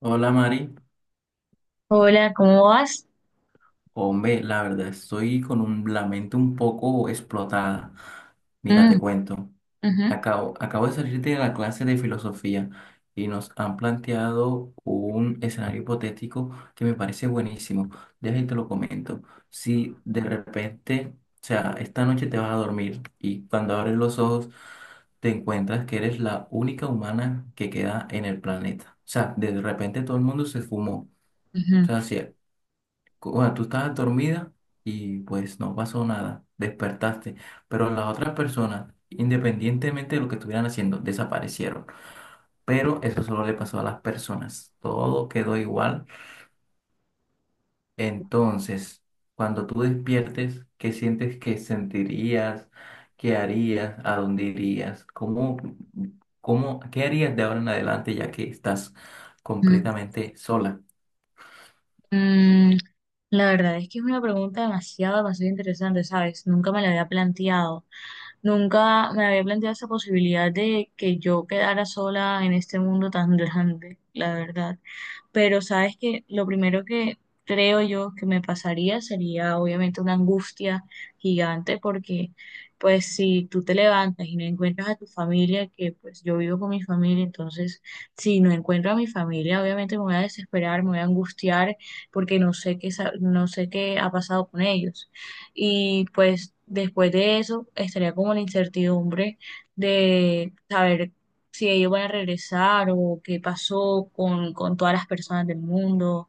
Hola Mari, Hola, ¿cómo vas? hombre, la verdad estoy con la mente un poco explotada. Mira, Mm, te cuento. ujú, Acabo de salir de la clase de filosofía y nos han planteado un escenario hipotético que me parece buenísimo. Déjame te lo comento. Si de repente, o sea, esta noche te vas a dormir y cuando abres los ojos te encuentras que eres la única humana que queda en el planeta. O sea, de repente todo el mundo se fumó. O ujú, sea, si bueno, tú estabas dormida y pues no pasó nada, despertaste, pero las otras personas, independientemente de lo que estuvieran haciendo, desaparecieron. Pero eso solo le pasó a las personas, todo quedó igual. Entonces, cuando tú despiertes, ¿qué sientes que sentirías? ¿Qué harías? ¿A dónde irías? ¿Qué harías de ahora en adelante ya que estás ujú. completamente sola? Mm, la verdad es que es una pregunta demasiado interesante, ¿sabes? Nunca me la había planteado. Nunca me había planteado esa posibilidad de que yo quedara sola en este mundo tan grande, la verdad. Pero sabes que lo primero que creo yo que me pasaría sería obviamente una angustia gigante porque pues si tú te levantas y no encuentras a tu familia, que pues yo vivo con mi familia, entonces si no encuentro a mi familia, obviamente me voy a desesperar, me voy a angustiar porque no sé qué ha pasado con ellos. Y pues después de eso estaría como la incertidumbre de saber si ellos van a regresar o qué pasó con todas las personas del mundo. O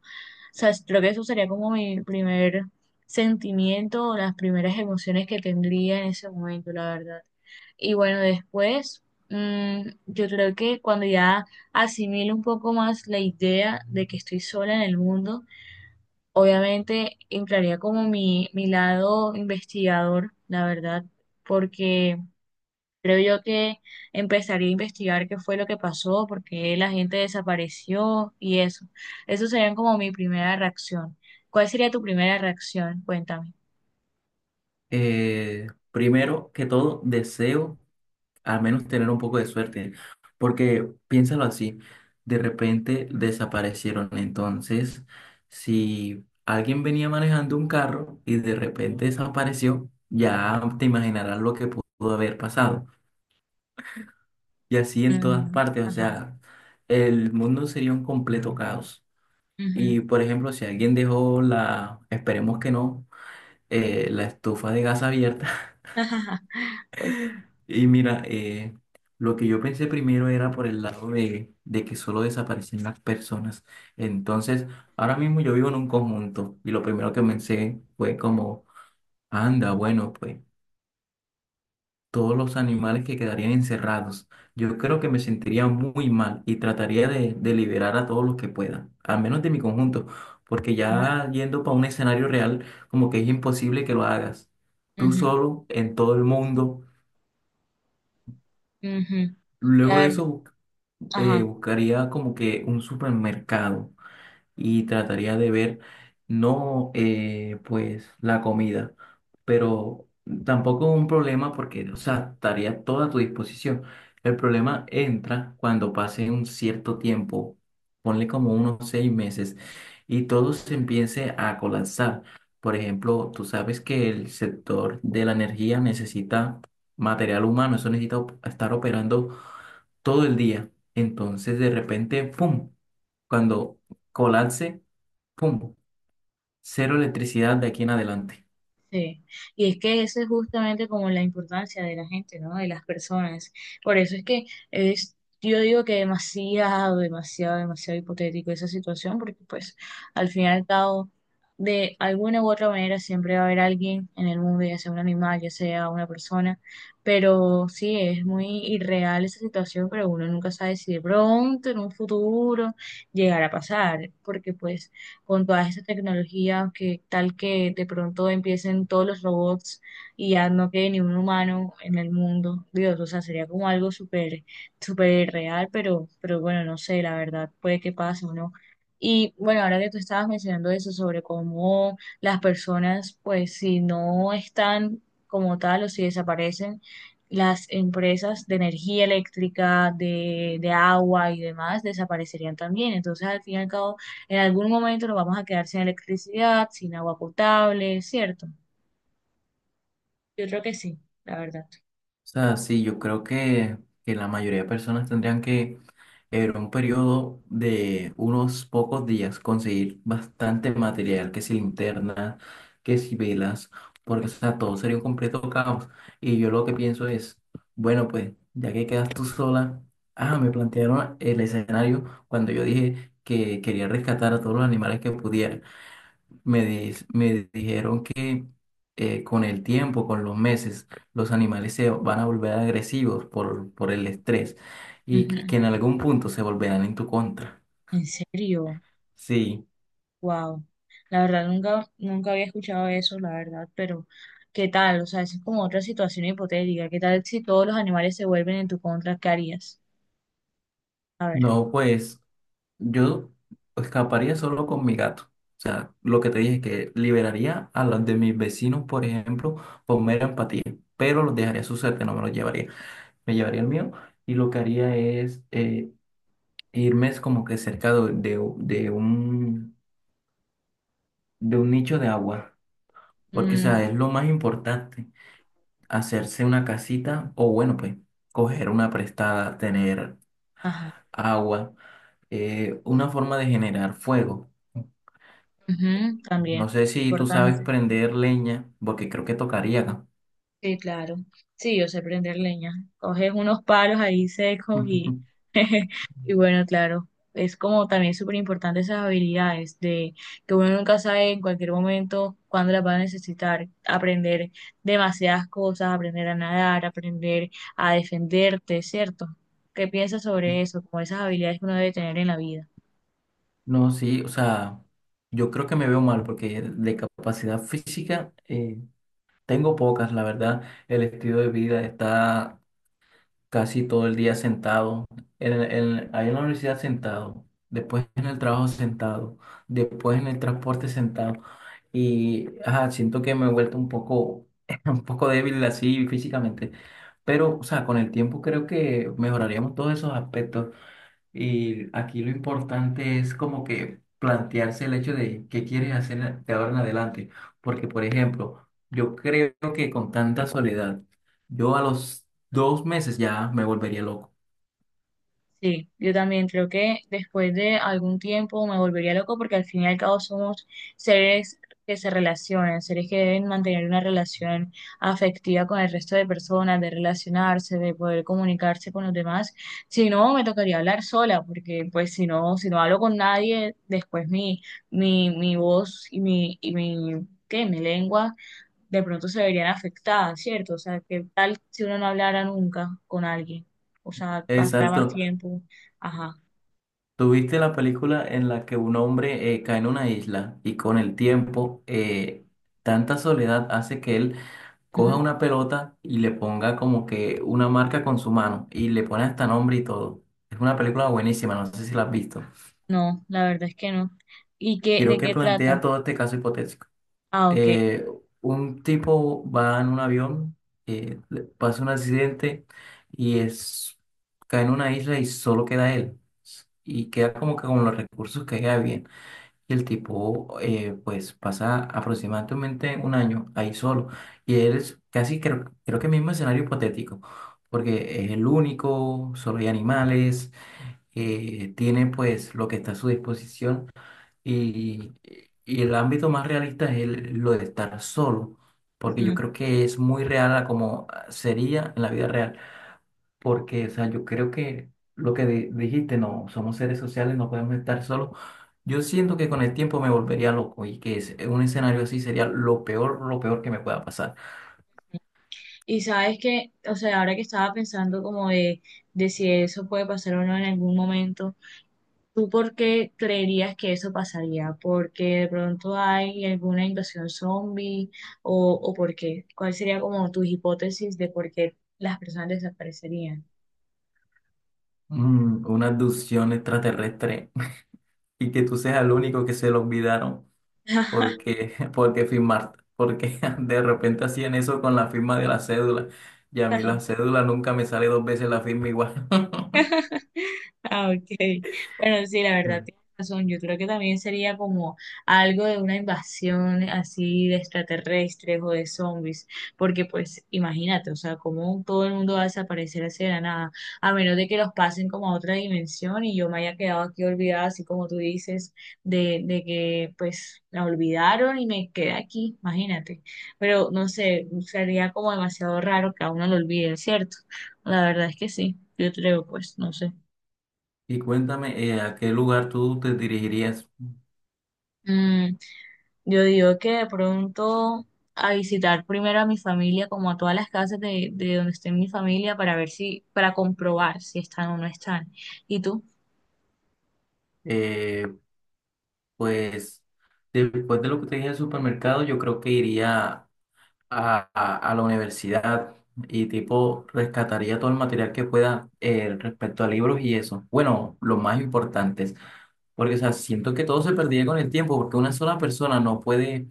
sea, es- Creo que eso sería como mi primer sentimiento o las primeras emociones que tendría en ese momento, la verdad. Y bueno, después, mm, yo creo que cuando ya asimilo un poco más la idea de que estoy sola en el mundo, obviamente entraría como mi lado investigador, la verdad, porque... Creo yo que empezaría a investigar qué fue lo que pasó, por qué la gente desapareció y eso. Eso sería como mi primera reacción. ¿Cuál sería tu primera reacción? Cuéntame. Primero que todo, deseo al menos tener un poco de suerte, porque piénsalo así, de repente desaparecieron, entonces si alguien venía manejando un carro y de repente desapareció, ya te imaginarás lo que pudo haber pasado. Y así en todas Mm, partes, o ajá. sea, el mundo sería un completo caos. Ujú. Y por ejemplo, si alguien dejó la, esperemos que no, la estufa de gas abierta. Y mira, lo que yo pensé primero era por el lado de que solo desaparecen las personas. Entonces, ahora mismo yo vivo en un conjunto y lo primero que pensé fue como, anda, bueno, pues todos los animales que quedarían encerrados. Yo creo que me sentiría muy mal y trataría de liberar a todos los que pueda, al menos de mi conjunto, porque Ujú, ya yendo para un escenario real, como que es imposible que lo hagas tú solo en todo el mundo. ujú, ujú. La Luego de verdad, eso ajá. buscaría como que un supermercado y trataría de ver no pues la comida, pero tampoco un problema porque, o sea, estaría toda a tu disposición. El problema entra cuando pase un cierto tiempo, ponle como unos 6 meses, y todo se empiece a colapsar. Por ejemplo, tú sabes que el sector de la energía necesita material humano, eso necesita op- estar operando todo el día. Entonces, de repente, ¡pum! Cuando colapse, ¡pum! Cero electricidad de aquí en adelante. Sí, y es que eso es justamente como la importancia de la gente, ¿no? De las personas. Por eso es que es, yo digo que demasiado, demasiado, demasiado hipotético esa situación, porque pues al final y al cabo, de alguna u otra manera siempre va a haber alguien en el mundo, ya sea un animal, ya sea una persona, pero sí, es muy irreal esa situación, pero uno nunca sabe si de pronto, en un futuro, llegará a pasar, porque pues con todas estas tecnologías, que tal que de pronto empiecen todos los robots y ya no quede ni un humano en el mundo. Dios, o sea, sería como algo súper, súper real, pero bueno, no sé, la verdad, puede que pase o no. Y bueno, ahora que tú estabas mencionando eso sobre cómo las personas, pues si no están como tal o si desaparecen, las empresas de energía eléctrica, de agua y demás desaparecerían también. Entonces, al fin y al cabo, en algún momento nos vamos a quedar sin electricidad, sin agua potable, ¿cierto? Yo creo que sí, la verdad. O sea, sí, yo creo que la mayoría de personas tendrían que en un periodo de unos pocos días conseguir bastante material, que si linternas, que si velas, porque o sea, todo sería un completo caos. Y yo lo que pienso es, bueno, pues ya que quedas tú sola, ah, me plantearon el escenario cuando yo dije que quería rescatar a todos los animales que pudiera me dijeron que con el tiempo, con los meses, los animales se van a volver agresivos por el estrés y que Ujú. que en algún punto se volverán en tu contra. ¿En serio? Sí, Wow. La verdad, nunca, nunca había escuchado eso, la verdad, pero ¿qué tal? O sea, eso es como otra situación hipotética. ¿Qué tal si todos los animales se vuelven en tu contra? ¿Qué harías? A ver. no, pues yo escaparía solo con mi gato. O sea, lo que te dije, que liberaría a los de mis vecinos, por ejemplo, por mera empatía, pero los dejaría a su suerte, no me los llevaría. Me llevaría el mío y lo que haría es irme es como que cerca de un nicho de agua, porque, o Mm, sea, es lo más importante, hacerse una casita o, bueno, pues, coger una prestada, tener ajá. agua, una forma de generar fuego. Ujú, también. No sé si tú sabes Importante. prender leña, porque creo que tocaría acá. Sí, claro. Sí, yo sé prender leña. Coges unos palos ahí secos y, y bueno, claro, es como también súper importante esas habilidades de que uno nunca sabe en cualquier momento cuándo las va a necesitar. Aprender demasiadas cosas, aprender a nadar, aprender a defenderte, ¿cierto? ¿Qué piensas sobre eso? Como esas habilidades que uno debe tener en la vida. No, sí, o sea, yo creo que me veo mal porque de capacidad física tengo pocas, la verdad. El estilo de vida está casi todo el día sentado, ahí en la universidad sentado, después en el trabajo sentado, después en el transporte sentado. Y ajá, siento que me he vuelto un poco, un poco débil así físicamente, pero o sea, con el tiempo creo que mejoraríamos todos esos aspectos. Y aquí lo importante es como que plantearse el hecho de qué quieres hacer de ahora en adelante. Porque, por ejemplo, yo creo que con tanta soledad, yo a los 2 meses ya me volvería loco. Sí, yo también creo que después de algún tiempo me volvería loco porque al fin y al cabo somos seres que se relacionan, seres que deben mantener una relación afectiva con el resto de personas, de relacionarse, de poder comunicarse con los demás. Si no, me tocaría hablar sola porque pues si no, si no hablo con nadie, después mi voz y mi, ¿qué? Mi lengua de pronto se verían afectadas, ¿cierto? O sea, ¿qué tal si uno no hablara nunca con alguien? O sea, pasara más Exacto. tiempo. Ajá. Tuviste la película en la que un hombre cae en una isla y con el tiempo tanta soledad hace que él coja Ujú. una pelota y le ponga como que una marca con su mano y le pone hasta nombre y todo. Es una película buenísima, no sé si la has visto. No, la verdad es que no. ¿Y qué, Quiero de que qué plantea trata? todo este caso hipotético. Ah, ok. Eh, un tipo va en un avión, le pasa un accidente y cae en una isla y solo queda él. Y queda como que con los recursos que queda bien. Y el tipo, pues, pasa aproximadamente 1 año ahí solo. Y él es casi, creo que mismo escenario hipotético, porque es el único, solo hay animales, tiene pues lo que está a su disposición. Y, y el ámbito más realista es lo de estar solo, porque yo Ujú. creo que es muy real a como sería en la vida real, porque, o sea, yo creo que lo que dijiste, no, somos seres sociales, no podemos estar solos. Yo siento que con el tiempo me volvería loco y que un escenario así sería lo peor que me pueda pasar. Y sabes que, o sea, ahora que estaba pensando como de si eso puede pasar o no en algún momento, ¿tú por qué creerías que eso pasaría? ¿Porque de pronto hay alguna invasión zombie o por qué? ¿Cuál sería como tus hipótesis de por qué las personas desaparecerían? Una abducción extraterrestre y que tú seas el único que se lo olvidaron. Ajá. Porque, porque firmar, porque de repente hacían eso con la firma de la cédula y a mí la cédula nunca me sale dos veces la firma igual. Ah, ok. Bueno, sí, la verdad Mm. tienes razón. Yo creo que también sería como algo de una invasión así de extraterrestres o de zombies, porque pues imagínate, o sea, cómo todo el mundo va a desaparecer así de la nada, a menos de que los pasen como a otra dimensión y yo me haya quedado aquí olvidada, así como tú dices, de que pues la olvidaron y me quedé aquí, imagínate. Pero no sé, sería como demasiado raro que a uno lo olviden, ¿cierto? La verdad es que sí, yo creo, pues, no sé. Y cuéntame, ¿a qué lugar tú te dirigirías? Mm, yo digo que de pronto a visitar primero a mi familia, como a todas las casas de donde esté mi familia, para ver si, para comprobar si están o no están. ¿Y tú? Eh, pues después de lo que te dije del supermercado, yo creo que iría a la universidad y tipo rescataría todo el material que pueda respecto a libros y eso. Bueno, los más importantes, porque o sea, siento que todo se perdía con el tiempo, porque una sola persona no puede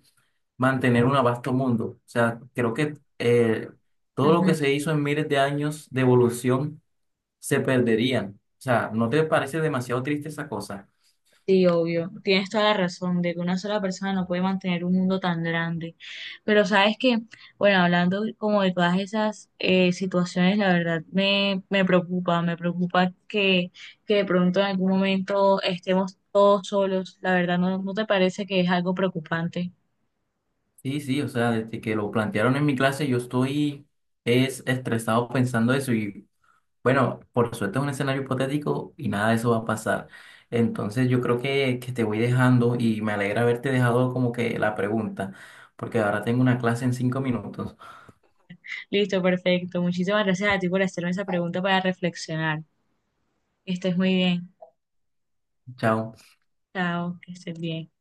mantener un vasto mundo. O sea, creo que todo lo que Ujú. se hizo en miles de años de evolución se perderían. O sea, ¿no te parece demasiado triste esa cosa? Sí, obvio. Tienes toda la razón de que una sola persona no puede mantener un mundo tan grande. Pero sabes que, bueno, hablando como de todas esas situaciones, la verdad me preocupa que de pronto en algún momento estemos todos solos. La verdad, ¿no, no te parece que es algo preocupante? Sí, sí, o sea, desde que lo plantearon en mi clase, yo estoy es estresado pensando eso y bueno, por suerte es un escenario hipotético y nada de eso va a pasar. Entonces yo creo que te voy dejando y me alegra haberte dejado como que la pregunta, porque ahora tengo una clase en 5 minutos. Listo, perfecto. Muchísimas gracias a ti por hacerme esa pregunta para reflexionar. Que estés muy bien. Chao. Chao, que estés bien.